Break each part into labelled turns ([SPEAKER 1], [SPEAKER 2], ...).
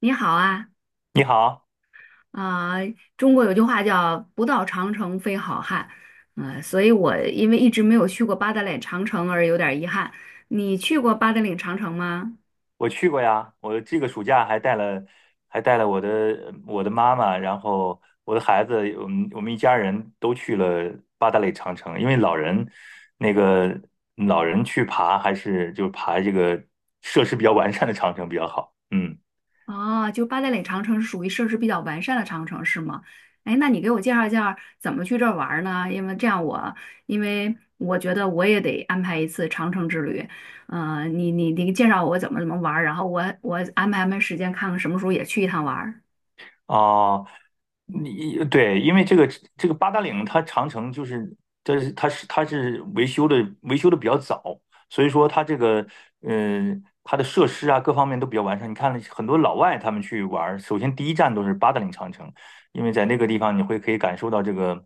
[SPEAKER 1] 你好啊。
[SPEAKER 2] 你好，
[SPEAKER 1] 啊、中国有句话叫"不到长城非好汉"，所以我因为一直没有去过八达岭长城而有点儿遗憾。你去过八达岭长城吗？
[SPEAKER 2] 我去过呀，我这个暑假还带了，我的妈妈，然后我的孩子，我们一家人都去了八达岭长城，因为老人那个老人去爬还是就爬这个设施比较完善的长城比较好，嗯。
[SPEAKER 1] 哦，就八达岭长城是属于设施比较完善的长城是吗？哎，那你给我介绍一下怎么去这儿玩儿呢？因为我觉得我也得安排一次长城之旅。你介绍我怎么玩儿，然后我安排安排时间，看看什么时候也去一趟玩儿。
[SPEAKER 2] 啊，对，因为这个八达岭长城就是，这是它是维修的比较早，所以说它这个呃它的设施啊各方面都比较完善。你看很多老外他们去玩儿，首先第一站都是八达岭长城，因为在那个地方可以感受到这个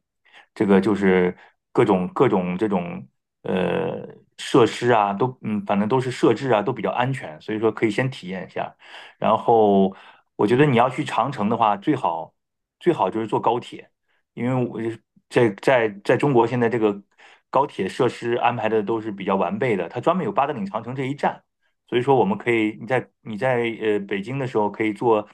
[SPEAKER 2] 这个就是各种这种呃设施啊都反正都是设置啊都比较安全，所以说可以先体验一下。然后我觉得你要去长城的话，最好就是坐高铁，因为我在中国现在这个高铁设施安排的都是比较完备的，它专门有八达岭长城这一站，所以说我们可以你在北京的时候可以坐，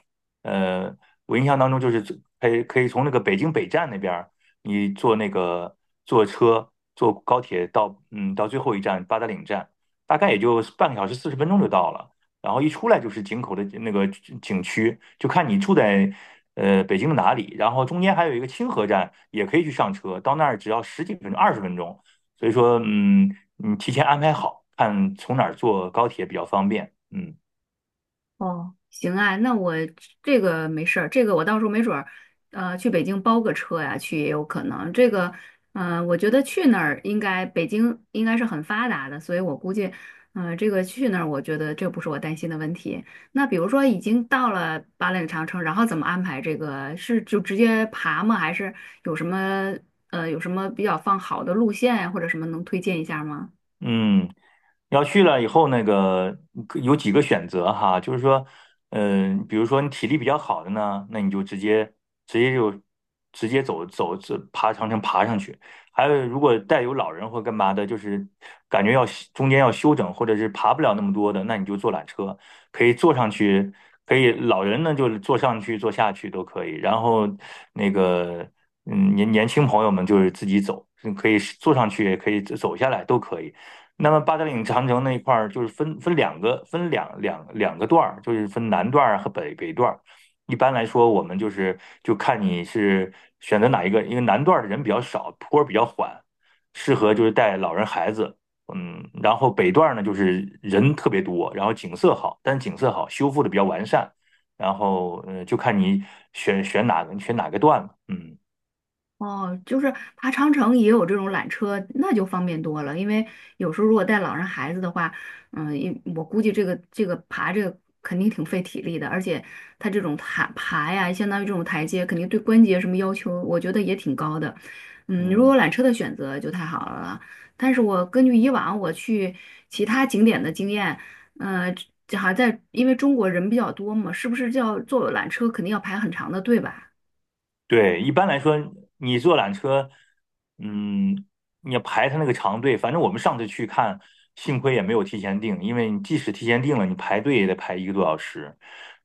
[SPEAKER 2] 呃，我印象当中就是可以从那个北京北站那边儿。你坐那个坐高铁到到最后一站八达岭站，大概也就半个小时四十分钟就到了。然后一出来就是井口的那个景区，就看你住在北京的哪里。然后中间还有一个清河站，也可以去上车，到那儿只要十几分钟、20分钟。所以说，嗯，你提前安排好，看从哪儿坐高铁比较方便。嗯。
[SPEAKER 1] 哦，行啊，那我这个没事儿，这个我到时候没准儿，去北京包个车呀，去也有可能。这个，我觉得去那儿应该北京应该是很发达的，所以我估计，嗯，这个去那儿，我觉得这不是我担心的问题。那比如说已经到了八岭长城，然后怎么安排这个？是就直接爬吗？还是有什么有什么比较放好的路线呀，或者什么能推荐一下吗？
[SPEAKER 2] 嗯，要去了以后，那个可有几个选择哈，就是说，嗯、比如说你体力比较好的呢，那你就直接就直接走爬长城爬上去。还有，如果带有老人或干嘛的，就是感觉要中间要休整，或者是爬不了那么多的，那你就坐缆车，可以坐上去，可以老人呢就是坐上去坐下去都可以。然后那个年轻朋友们就是自己走，嗯可以坐上去也可以走下来都可以。那么八达岭长城那一块儿就是分两个两个段儿，就是分南段儿和北段儿。一般来说，我们就是就看你是选择哪一个，因为南段儿的人比较少，坡儿比较缓，适合就是带老人孩子。嗯，然后北段儿呢，就是人特别多，然后景色好，但是景色好，修复的比较完善。然后，呃，就看你选哪个段了。嗯。
[SPEAKER 1] 哦，就是爬长城也有这种缆车，那就方便多了。因为有时候如果带老人孩子的话，嗯，我估计这个爬这个肯定挺费体力的，而且它这种爬爬呀，相当于这种台阶，肯定对关节什么要求，我觉得也挺高的。嗯，如
[SPEAKER 2] 嗯。
[SPEAKER 1] 果有缆车的选择就太好了。但是我根据以往我去其他景点的经验，呃，这好像在因为中国人比较多嘛，是不是叫坐缆车肯定要排很长的队吧？
[SPEAKER 2] 对，一般来说，你坐缆车，嗯，你要排他那个长队。反正我们上次去看，幸亏也没有提前订，因为你即使提前订了，你排队也得排一个多小时。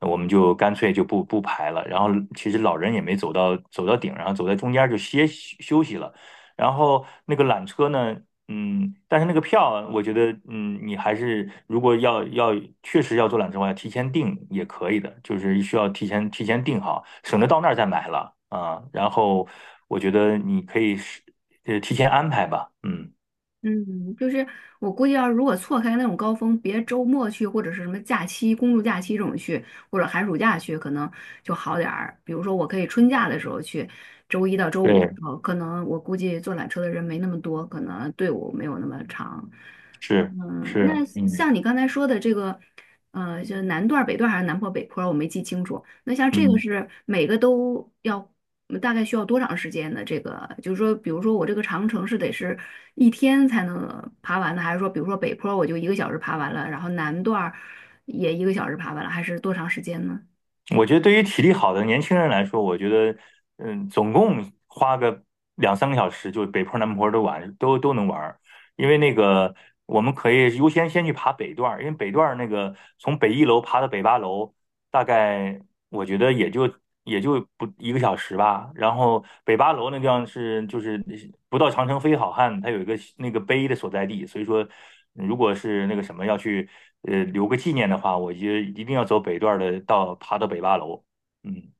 [SPEAKER 2] 那我们就干脆就不排了。然后其实老人也没走到走到顶，然后走在中间就休息了。然后那个缆车呢？嗯，但是那个票，我觉得，嗯，你还是如果要确实要做缆车的话，提前订也可以的，就是需要提前订好，省得到那儿再买了啊。然后我觉得你可以是提前安排吧，嗯，
[SPEAKER 1] 嗯，就是我估计要是如果错开那种高峰，别周末去或者是什么假期、公众假期这种去，或者寒暑假去，可能就好点儿。比如说，我可以春假的时候去，周一到周五的
[SPEAKER 2] 对，
[SPEAKER 1] 时候，可能我估计坐缆车的人没那么多，可能队伍没有那么长。嗯，
[SPEAKER 2] 是，
[SPEAKER 1] 那
[SPEAKER 2] 嗯
[SPEAKER 1] 像你刚才说的这个。就是南段儿北段儿还是南坡、北坡儿我没记清楚。那像这个
[SPEAKER 2] 嗯。
[SPEAKER 1] 是每个都要，大概需要多长时间的？这个就是说，比如说我这个长城是得是一天才能爬完的，还是说，比如说北坡儿我就一个小时爬完了，然后南段儿也一个小时爬完了，还是多长时间呢？
[SPEAKER 2] 我觉得对于体力好的年轻人来说，我觉得，嗯，总共花个两三个小时，就北坡南坡都玩，都能玩儿。因为那个，我们可以先去爬北段儿，因为北段儿那个从北一楼爬到北八楼，大概我觉得也就不一个小时吧。然后北八楼那地方就是不到长城非好汉，它有一个那个碑的所在地，所以说如果是那个什么要去留个纪念的话，我就一定要走北段儿的，爬到北八楼。嗯，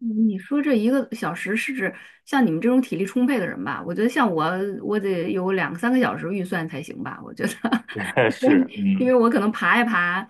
[SPEAKER 1] 嗯，你说这一个小时是指像你们这种体力充沛的人吧？我觉得像我得有两三个小时预算才行吧，我觉得。
[SPEAKER 2] 这个是
[SPEAKER 1] 因
[SPEAKER 2] 嗯。
[SPEAKER 1] 为我可能爬一爬，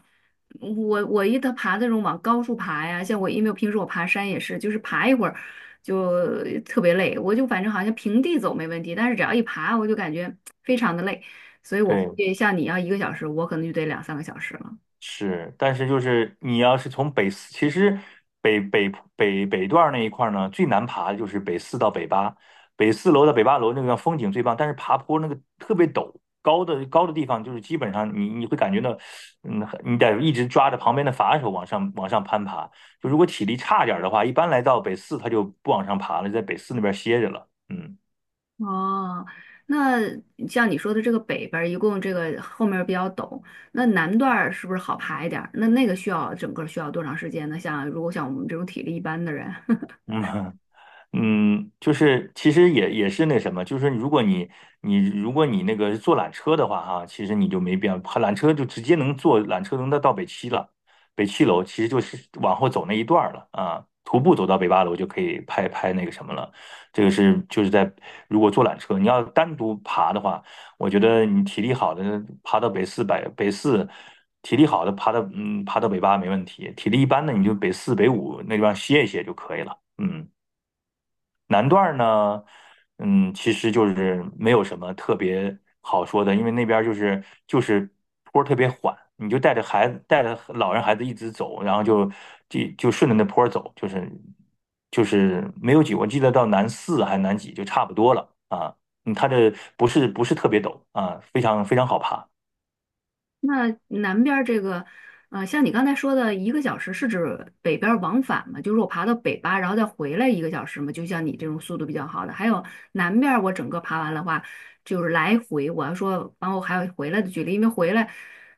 [SPEAKER 1] 我爬那种往高处爬呀，像我因为我平时我爬山也是，就是爬一会儿就特别累，我就反正好像平地走没问题，但是只要一爬我就感觉非常的累，所以我估
[SPEAKER 2] 对，
[SPEAKER 1] 计像你要一个小时，我可能就得两三个小时了。
[SPEAKER 2] 是，但是就是你要是从北四，其实北北北段儿那一块儿呢，最难爬的就是北四到北八，北四楼到北八楼那个风景最棒，但是爬坡那个特别陡，高的地方就是基本上你会感觉到，嗯，你得一直抓着旁边的扶手往上攀爬。就如果体力差点儿的话，一般来到北四他就不往上爬了，在北四那边歇着了。嗯
[SPEAKER 1] 哦，那像你说的这个北边儿一共这个后面儿比较陡，那南段儿是不是好爬一点儿？那个需要整个儿需要多长时间呢？像如果像我们这种体力一般的人。
[SPEAKER 2] 嗯，嗯，就是其实也是那什么，就是如果你那个坐缆车的话哈，其实你就没必要，缆车就直接能坐缆车能到北七了，北七楼其实就是往后走那一段儿了啊，徒步走到北八楼就可以拍拍那个什么了。这个是就是在如果坐缆车，你要单独爬的话，我觉得你体力好的爬到北四百北四。体力好的爬到爬到北八没问题，体力一般的你就北四北五那地方歇一歇就可以了，嗯。南段儿呢，嗯，其实就是没有什么特别好说的，因为那边儿就是坡儿特别缓，你就带着老人孩子一直走，然后就顺着那坡儿走，就是没有几，我记得到南四还南几就差不多了啊，嗯，它这不是特别陡啊，非常好爬。
[SPEAKER 1] 那南边儿这个，像你刚才说的一个小时，是指北边儿往返吗？就是我爬到北巴，然后再回来一个小时吗？就像你这种速度比较好的，还有南边儿我整个爬完的话，就是来回，我要说，然后还有回来的距离，因为回来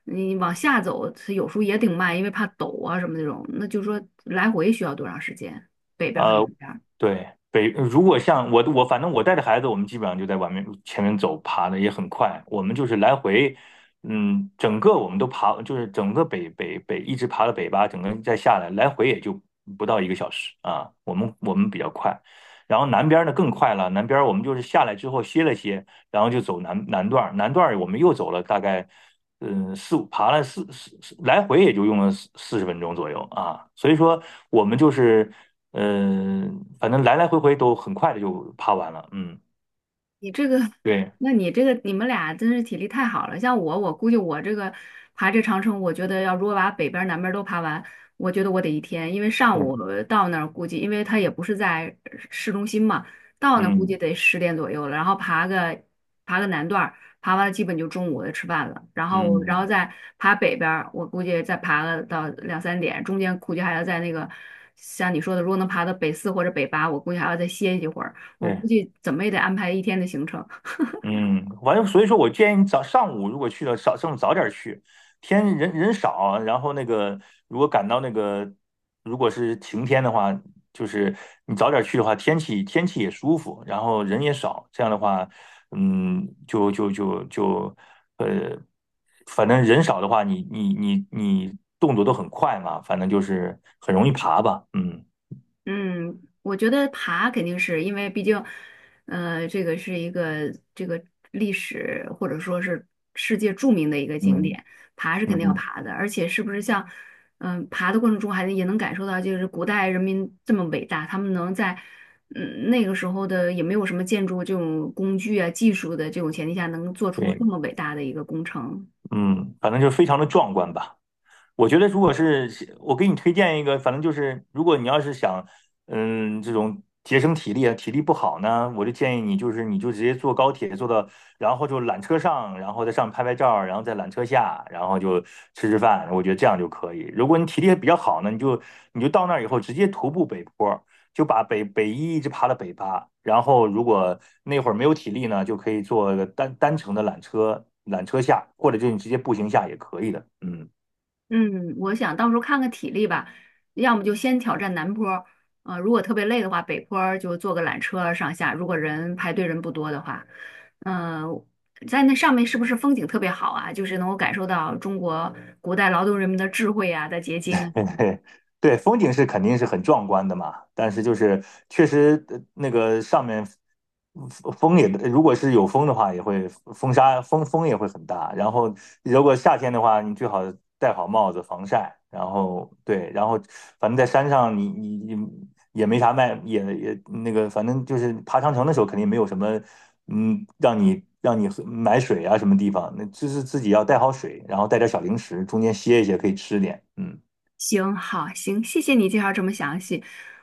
[SPEAKER 1] 你往下走，它有时候也挺慢，因为怕陡啊什么那种。那就说来回需要多长时间？北边儿和南
[SPEAKER 2] 呃，
[SPEAKER 1] 边儿？
[SPEAKER 2] 对，如果像我反正我带着孩子，我们基本上就在外面前面走，爬的也很快。我们就是来回，嗯，整个我们都爬，就是整个北一直爬到北巴，整个再下来，来回也就不到一个小时啊。我们比较快，然后南边呢更快了，南边我们就是下来之后歇了歇，然后就走南段我们又走了大概，嗯，四五爬了四四四来回也就用了四十分钟左右啊，所以说我们就是，嗯、反正来来回回都很快的就爬完了，嗯，
[SPEAKER 1] 你这个，
[SPEAKER 2] 对，
[SPEAKER 1] 你这个，你们俩真是体力太好了。像我估计我这个爬这长城，我觉得如果把北边儿南边儿都爬完，我觉得我得一天，因为上
[SPEAKER 2] 嗯，
[SPEAKER 1] 午到那儿估计，因为他也不是在市中心嘛，到那儿估计
[SPEAKER 2] 嗯
[SPEAKER 1] 得10点左右了，然后爬个南段儿，爬完了基本就中午就吃饭了，然后
[SPEAKER 2] 嗯，
[SPEAKER 1] 再爬北边儿，我估计再爬个到2、3点，中间估计还要在像你说的，如果能爬到北四或者北八，我估计还要再歇一会儿。我
[SPEAKER 2] 对。
[SPEAKER 1] 估计怎么也得安排一天的行程。
[SPEAKER 2] 嗯，完了，正所以说我建议你早上午如果去了，早上午早点去，天人少，然后那个如果赶到那个如果是晴天的话，就是你早点去的话，天气也舒服，然后人也少，这样的话，嗯，就呃，反正人少的话，你动作都很快嘛，反正就是很容易爬吧，嗯
[SPEAKER 1] 嗯，我觉得爬肯定是因为毕竟，这个是一个历史或者说是世界著名的一个景
[SPEAKER 2] 嗯
[SPEAKER 1] 点，爬是肯
[SPEAKER 2] 嗯
[SPEAKER 1] 定要
[SPEAKER 2] 哼，
[SPEAKER 1] 爬的。而且是不是像，嗯，爬的过程中也能感受到，就是古代人民这么伟大，他们能在。嗯，那个时候的也没有什么建筑这种工具啊、技术的这种前提下，能做出
[SPEAKER 2] 对，
[SPEAKER 1] 这么伟大的一个工程。
[SPEAKER 2] 嗯，反正就是非常的壮观吧。我觉得如果是我给你推荐一个，反正就是如果你要是想，嗯，这种节省体力啊，体力不好呢，我就建议你就是你就直接坐高铁坐到，然后就缆车上，然后在上面拍拍照，然后在缆车下，然后就吃饭，我觉得这样就可以。如果你体力比较好呢，你就到那儿以后直接徒步北坡，就把北一一直爬到北八，然后如果那会儿没有体力呢，就可以坐个单程的缆车，缆车下，或者就你直接步行下也可以的，嗯。
[SPEAKER 1] 嗯，我想到时候看看体力吧，要么就先挑战南坡儿，如果特别累的话，北坡儿就坐个缆车上下，如果人排队人不多的话，嗯、在那上面是不是风景特别好啊？就是能够感受到中国古代劳动人民的智慧啊的结晶啊。
[SPEAKER 2] 对对，风景是肯定是很壮观的嘛，但是就是确实那个上面风风也，如果是有风的话，也会风沙风风也会很大。然后如果夏天的话，你最好戴好帽子防晒。然后对，然后反正在山上你也没啥卖，也那个反正就是爬长城的时候肯定没有什么让你喝买水啊什么地方，那就是自己要带好水，然后带点小零食，中间歇一歇可以吃点，嗯。
[SPEAKER 1] 行，好，行，谢谢你介绍这么详细，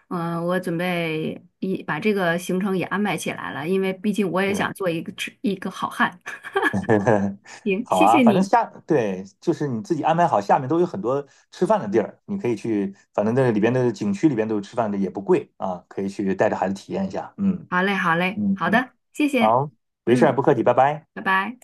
[SPEAKER 1] 我准备一把这个行程也安排起来了，因为毕竟我也
[SPEAKER 2] 对，
[SPEAKER 1] 想做一个好汉。行，
[SPEAKER 2] 好
[SPEAKER 1] 谢
[SPEAKER 2] 啊，
[SPEAKER 1] 谢
[SPEAKER 2] 反正
[SPEAKER 1] 你，
[SPEAKER 2] 下，对，就是你自己安排好，下面都有很多吃饭的地儿，你可以去，反正那里边的景区里边都有吃饭的，也不贵啊，可以去带着孩子体验一下。嗯
[SPEAKER 1] 好嘞，好嘞，
[SPEAKER 2] 嗯
[SPEAKER 1] 好
[SPEAKER 2] 嗯，
[SPEAKER 1] 的，谢谢，
[SPEAKER 2] 好，没事儿，
[SPEAKER 1] 嗯。
[SPEAKER 2] 不客气，拜拜。
[SPEAKER 1] 拜拜。